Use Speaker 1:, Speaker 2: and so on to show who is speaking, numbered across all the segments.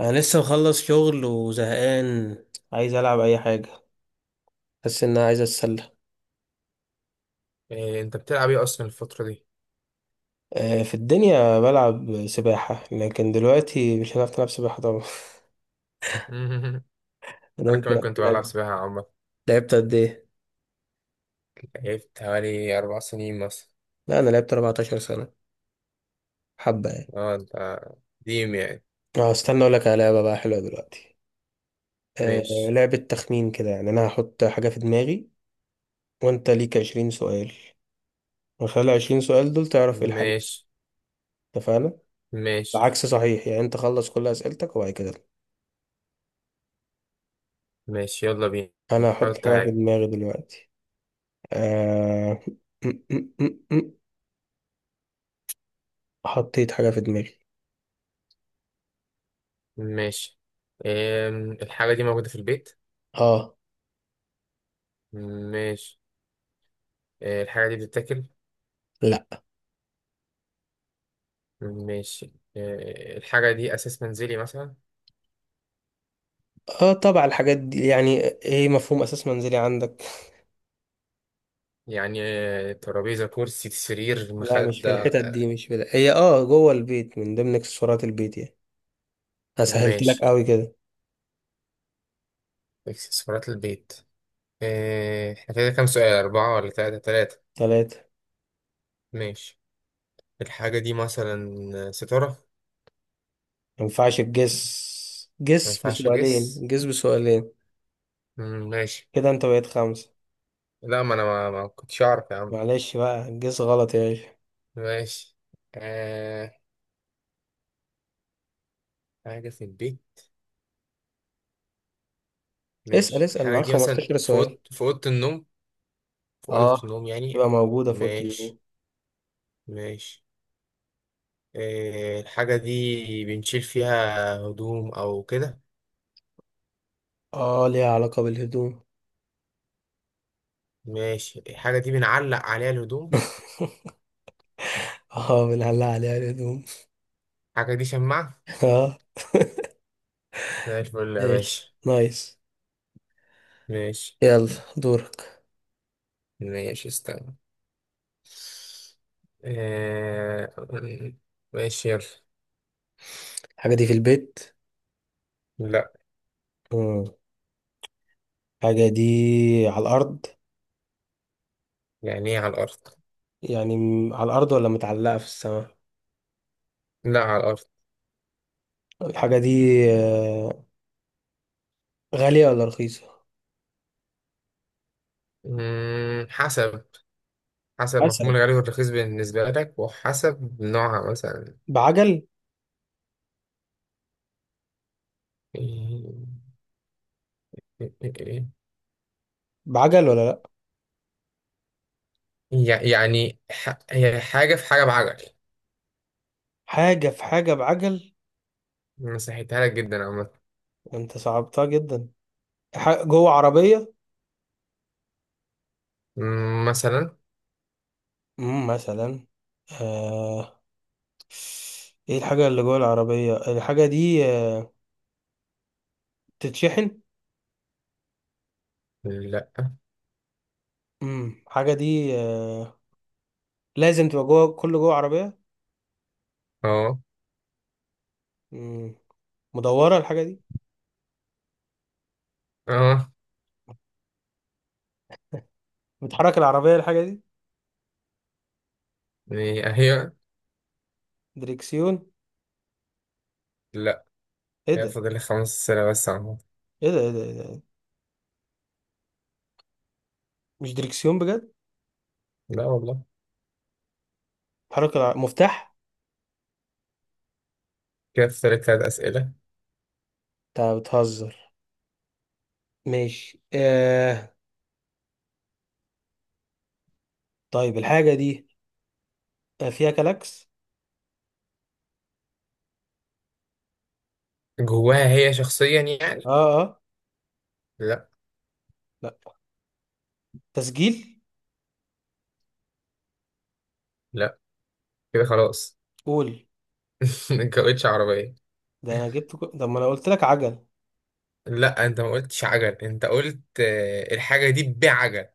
Speaker 1: انا لسه مخلص شغل وزهقان. عايز العب اي حاجه. حاسس ان انا عايز اتسلى.
Speaker 2: إيه انت بتلعب ايه اصلا الفترة دي؟
Speaker 1: في الدنيا بلعب سباحه، لكن دلوقتي مش هنعرف نلعب سباحه طبعا. ده
Speaker 2: انا
Speaker 1: انت.
Speaker 2: كمان كنت بلعب سباحة عامة.
Speaker 1: لعبت قد ايه؟
Speaker 2: لعبت حوالي 4 سنين مثلا.
Speaker 1: لا انا لعبت 14 سنة سنه، حبه يعني.
Speaker 2: اه انت، قديم يعني.
Speaker 1: اه، استنى اقول لك على لعبه بقى حلوه دلوقتي. آه،
Speaker 2: ماشي
Speaker 1: لعبه تخمين كده، يعني انا هحط حاجه في دماغي، وانت ليك 20 سؤال. من خلال 20 سؤال دول تعرف ايه الحاجه.
Speaker 2: ماشي
Speaker 1: اتفقنا؟
Speaker 2: ماشي
Speaker 1: العكس صحيح، يعني انت خلص كل اسئلتك وبعد كده.
Speaker 2: ماشي، يلا بينا.
Speaker 1: انا هحط
Speaker 2: حط
Speaker 1: حاجه في
Speaker 2: حاجة.
Speaker 1: دماغي دلوقتي. آه... م- م- م- م. حطيت حاجة في دماغي.
Speaker 2: ماشي، إيه الحاجة دي موجودة في البيت؟
Speaker 1: اه.
Speaker 2: ماشي، إيه الحاجة دي بتتاكل؟
Speaker 1: لا.
Speaker 2: ماشي، إيه الحاجة دي أساس منزلي مثلا؟
Speaker 1: اه طبعا، الحاجات دي يعني ايه مفهوم اساس منزلي عندك؟
Speaker 2: يعني إيه، ترابيزة كرسي سرير
Speaker 1: لا مش في
Speaker 2: مخدة
Speaker 1: الحتت دي، مش في ده. هي اه جوه البيت، من ضمن اكسسوارات البيت يعني. انا سهلت لك
Speaker 2: ماشي.
Speaker 1: قوي كده.
Speaker 2: اكسسوارات البيت. إيه، احنا كده كام سؤال؟ أربعة ولا تلاتة؟ تلاتة؟
Speaker 1: 3.
Speaker 2: ماشي. الحاجة دي مثلا ستارة.
Speaker 1: ما ينفعش تجس.
Speaker 2: ما
Speaker 1: جس
Speaker 2: ينفعش
Speaker 1: بسؤالين،
Speaker 2: أجس.
Speaker 1: جس بسؤالين.
Speaker 2: مم، ماشي.
Speaker 1: كده انت بقيت 5.
Speaker 2: لا، ما أنا ما كنتش أعرف يا عم.
Speaker 1: معلش بقى، جس غلط يا باشا.
Speaker 2: ماشي آه، حاجة في البيت.
Speaker 1: اسأل
Speaker 2: ماشي،
Speaker 1: اسأل
Speaker 2: الحاجة
Speaker 1: معاك
Speaker 2: دي مثلا
Speaker 1: 15
Speaker 2: في
Speaker 1: سؤال.
Speaker 2: أوضة، في أوضة النوم؟ في أوضة
Speaker 1: اه،
Speaker 2: النوم
Speaker 1: تبقى
Speaker 2: يعني.
Speaker 1: موجودة في أوضة
Speaker 2: ماشي
Speaker 1: النوم.
Speaker 2: ماشي. آه، الحاجة دي بنشيل فيها هدوم أو كده؟
Speaker 1: اه، ليها علاقة بالهدوم.
Speaker 2: ماشي، الحاجة دي بنعلق عليها الهدوم.
Speaker 1: اه، بنعلق عليها الهدوم.
Speaker 2: الحاجة دي شماعة.
Speaker 1: اه.
Speaker 2: زي الفل يا
Speaker 1: ماشي.
Speaker 2: باشا.
Speaker 1: نايس.
Speaker 2: ماشي
Speaker 1: يلا دورك.
Speaker 2: ماشي، استنى. آه... ماشي يلا.
Speaker 1: الحاجة دي في البيت؟
Speaker 2: لا.
Speaker 1: مم. الحاجة دي على الأرض.
Speaker 2: يعني ايه على الأرض؟
Speaker 1: يعني على الأرض ولا متعلقة في السماء.
Speaker 2: لا، على الأرض.
Speaker 1: الحاجة دي آه، غالية ولا رخيصة؟
Speaker 2: مم... حسب. حسب
Speaker 1: حسب.
Speaker 2: مفهوم الغالي والرخيص بالنسبة لك، وحسب نوعها مثلا.
Speaker 1: بعجل.
Speaker 2: إيه- إيه- إيه-
Speaker 1: بعجل ولا لأ؟
Speaker 2: يعني هي حاجة في حاجة بعجل.
Speaker 1: حاجة في حاجة بعجل.
Speaker 2: مسحتها لك جدا عامة.
Speaker 1: أنت صعبتها جدا. جوه عربية.
Speaker 2: مم، مثلا.
Speaker 1: مثلا. آه. إيه الحاجة اللي جوه العربية؟ الحاجة دي بتتشحن؟
Speaker 2: لا.
Speaker 1: الحاجة دي لازم تبقى جوه كل جوه عربية.
Speaker 2: اه
Speaker 1: مم. مدورة الحاجة دي.
Speaker 2: اه.
Speaker 1: بتحرك العربية الحاجة دي؟
Speaker 2: إيه، هي.
Speaker 1: دريكسيون.
Speaker 2: لا.
Speaker 1: ايه
Speaker 2: كده
Speaker 1: ده،
Speaker 2: فاضل لي 5 أسئلة بس عامة.
Speaker 1: ايه ده، إيه ده؟ مش دريكسيون بجد؟
Speaker 2: لا والله.
Speaker 1: مفتاح.
Speaker 2: كده فاضل لي 3 أسئلة.
Speaker 1: انت بتهزر. ماشي. طيب الحاجة دي فيها كلاكس؟
Speaker 2: جواها هي شخصيا
Speaker 1: اه
Speaker 2: يعني.
Speaker 1: اه
Speaker 2: لا.
Speaker 1: لا، تسجيل.
Speaker 2: لا كده خلاص.
Speaker 1: قول.
Speaker 2: انت قلتش عربية.
Speaker 1: ده انا جبت كل... طب ما انا قلت لك عجل.
Speaker 2: لا، انت ما قلتش عجل، انت قلت الحاجة دي بعجل.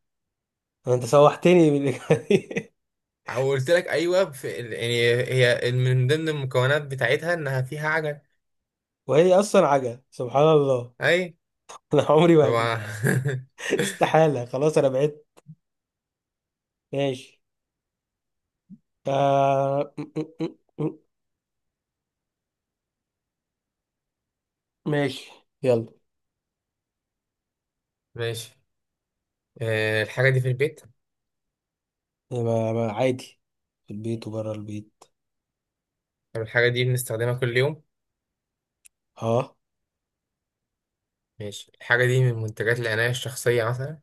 Speaker 1: انت سوحتني بالإجابة دي.
Speaker 2: او قلت لك ايوه، يعني هي من ضمن المكونات بتاعتها انها فيها عجل.
Speaker 1: وهي اصلا عجل سبحان الله.
Speaker 2: اي
Speaker 1: انا عمري ما هجيب.
Speaker 2: طبعا.
Speaker 1: استحالة، خلاص انا بعدت. ماشي. آه... م- م- م- م- ماشي يلا.
Speaker 2: ماشي. الحاجة دي في البيت.
Speaker 1: ما عادي، في البيت وبره البيت.
Speaker 2: طب الحاجة دي بنستخدمها كل يوم؟
Speaker 1: اه.
Speaker 2: ماشي، الحاجة دي من منتجات العناية الشخصية مثلا؟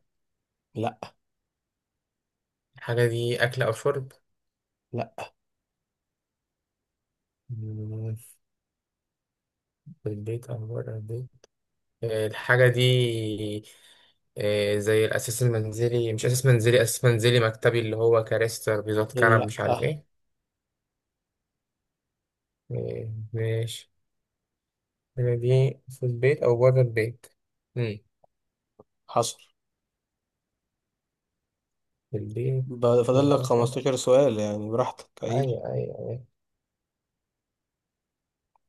Speaker 1: لا.
Speaker 2: الحاجة دي أكل أو شرب؟
Speaker 1: لا.
Speaker 2: مم، في البيت أو بره البيت. الحاجة دي إيه، زي الأساس المنزلي؟ مش أساس منزلي، أساس منزلي مكتبي، اللي هو كراسي ترابيزات كنب
Speaker 1: لا
Speaker 2: مش عارف
Speaker 1: آه.
Speaker 2: إيه. إيه، ماشي. هنا دي في البيت أو بره البيت. مم.
Speaker 1: حصل.
Speaker 2: في البيت أو
Speaker 1: فاضل لك
Speaker 2: بره.
Speaker 1: 15 سؤال يعني، براحتك اي.
Speaker 2: أيوة أيوة أيوة.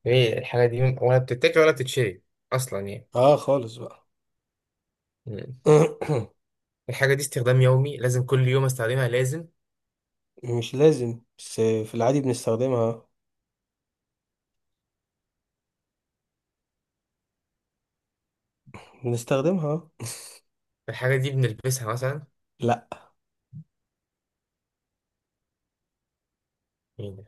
Speaker 2: إيه الحاجة دي ولا بتتاكل ولا بتتشري أصلا يعني؟
Speaker 1: اه خالص بقى.
Speaker 2: مم. الحاجة دي استخدام يومي؟ لازم كل يوم أستخدمها لازم؟
Speaker 1: مش لازم، بس في العادي بنستخدمها.
Speaker 2: الحاجة دي بنلبسها مثلا؟
Speaker 1: لا.
Speaker 2: إيه ده؟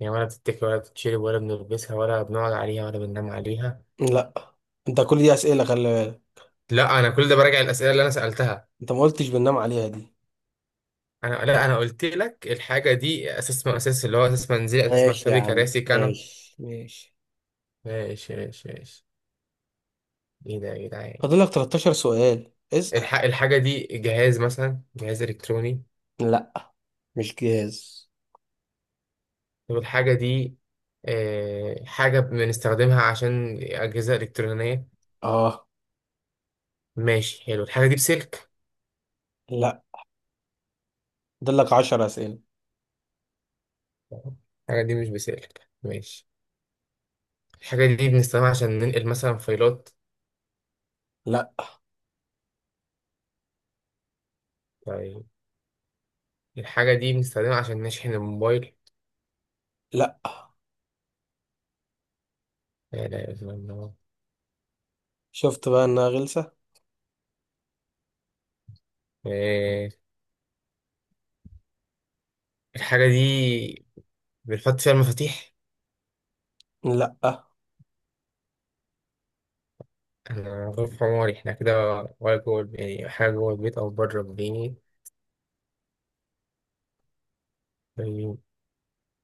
Speaker 2: يعني ولا بتتاكل ولا بتتشرب ولا بنلبسها ولا بنقعد عليها ولا بننام عليها؟
Speaker 1: لا انت كل دي اسئله، خلي بالك.
Speaker 2: لا، أنا كل ده براجع الأسئلة اللي أنا سألتها.
Speaker 1: انت ما قلتش بننام عليها دي.
Speaker 2: لا انا قلت لك الحاجه دي اساس، من اساس اللي هو اساس منزلي اساس
Speaker 1: ماشي يا
Speaker 2: مكتبي
Speaker 1: عم،
Speaker 2: كراسي كنب.
Speaker 1: ماشي.
Speaker 2: ماشي ماشي ماشي. ايه ده يا جدعان.
Speaker 1: فاضل لك 13 سؤال، اسال.
Speaker 2: الحاجه دي جهاز مثلا؟ جهاز الكتروني؟
Speaker 1: لا مش جهاز.
Speaker 2: طب الحاجه دي حاجه بنستخدمها عشان اجهزه الكترونيه؟
Speaker 1: اه.
Speaker 2: ماشي حلو. الحاجه دي بسلك؟
Speaker 1: لا، دلك 10 أسئلة.
Speaker 2: الحاجه دي مش بسلك، ماشي. الحاجه دي بنستخدمها عشان ننقل مثلا فايلات؟
Speaker 1: لا
Speaker 2: طيب، الحاجه دي بنستخدمها عشان نشحن الموبايل؟
Speaker 1: لا
Speaker 2: لا لا، إله إلا الله.
Speaker 1: شفت بقى إنها غلسة.
Speaker 2: آه، الحاجة دي بنحط فيها المفاتيح؟
Speaker 1: لا.
Speaker 2: أنا غرفة عماري إحنا كده. ولا يعني حاجة جوه البيت أو بره البيت؟ طيب.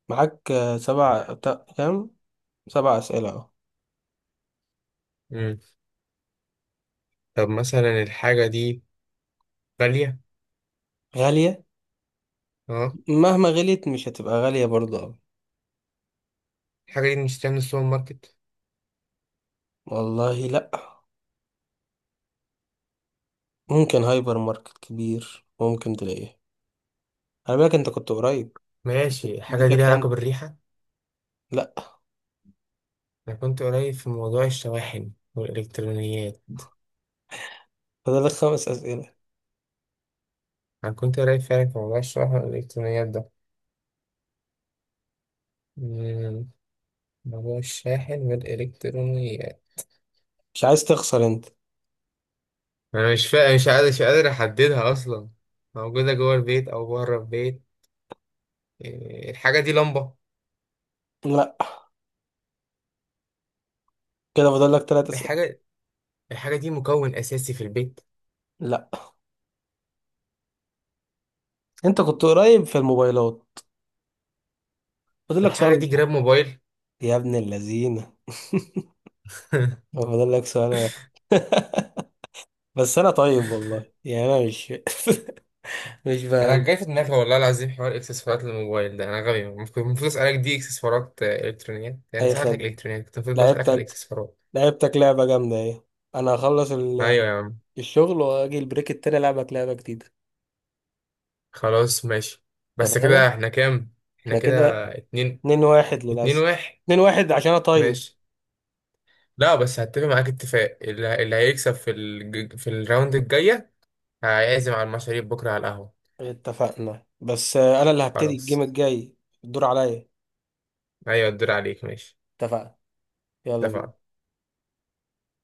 Speaker 1: معاك كام؟ 7 أسئلة أهو.
Speaker 2: مم. طب مثلا الحاجة دي غالية؟
Speaker 1: غالية.
Speaker 2: أه.
Speaker 1: مهما غليت مش هتبقى غالية برضه أوي.
Speaker 2: الحاجة دي بنشتريها من السوبر ماركت؟
Speaker 1: والله لا. ممكن هايبر ماركت كبير ممكن تلاقيه. خلي بالك، أنت كنت قريب.
Speaker 2: ماشي، الحاجة دي ليها
Speaker 1: اديتك
Speaker 2: علاقة
Speaker 1: هند.
Speaker 2: بالريحة؟
Speaker 1: لا.
Speaker 2: أنا كنت قريب في موضوع الشواحن والإلكترونيات.
Speaker 1: فاضلك 5 أسئلة.
Speaker 2: أنا كنت قريب فعلا في موضوع الشواحن والإلكترونيات ده. مم. موضوع الشاحن والإلكترونيات.
Speaker 1: مش عايز تخسر أنت.
Speaker 2: أنا مش قادر، مش قادر أحددها أصلا. موجودة جوه البيت أو بره البيت. إيه، الحاجة دي لمبة؟
Speaker 1: لا. كده فاضلك 3 أسئلة.
Speaker 2: الحاجة، الحاجة دي مكون أساسي في البيت؟
Speaker 1: لا. أنت كنت قريب في الموبايلات. فاضلك سؤال
Speaker 2: الحاجة دي جراب
Speaker 1: واحد
Speaker 2: موبايل؟
Speaker 1: يا ابن اللذينة. فاضلك سؤال واحد. بس انا طيب والله، يعني انا مش مش
Speaker 2: أنا
Speaker 1: فاهم.
Speaker 2: جاي في دماغي والله العظيم حوار إكسسوارات الموبايل ده، أنا غبي. المفروض المفروض أسألك دي إكسسوارات إلكترونيات، يعني
Speaker 1: اي
Speaker 2: سألتك
Speaker 1: خدمه.
Speaker 2: إلكترونيات، كنت المفروض بسألك على
Speaker 1: لعبتك.
Speaker 2: الإكسسوارات.
Speaker 1: لعبتك لعبه جامده ايه. انا هخلص ال-
Speaker 2: أيوة يا عم.
Speaker 1: الشغل واجي البريك التاني العبك لعبه جديده.
Speaker 2: خلاص ماشي. بس كده
Speaker 1: اتفقنا.
Speaker 2: إحنا كام؟ إحنا
Speaker 1: احنا
Speaker 2: كده
Speaker 1: كده
Speaker 2: اتنين.
Speaker 1: 2-1
Speaker 2: اتنين
Speaker 1: للاسف.
Speaker 2: واحد.
Speaker 1: 2-1 عشان انا طيب.
Speaker 2: ماشي. لا بس هتفق معاك اتفاق، اللي هيكسب في الراوند الجاية هيعزم على المشاريب بكرة على القهوة.
Speaker 1: اتفقنا، بس انا اللي هبتدي الجيم
Speaker 2: خلاص.
Speaker 1: الجاي. الدور عليا.
Speaker 2: أيوة الدور عليك ماشي.
Speaker 1: اتفقنا. يلا بينا.
Speaker 2: اتفقنا.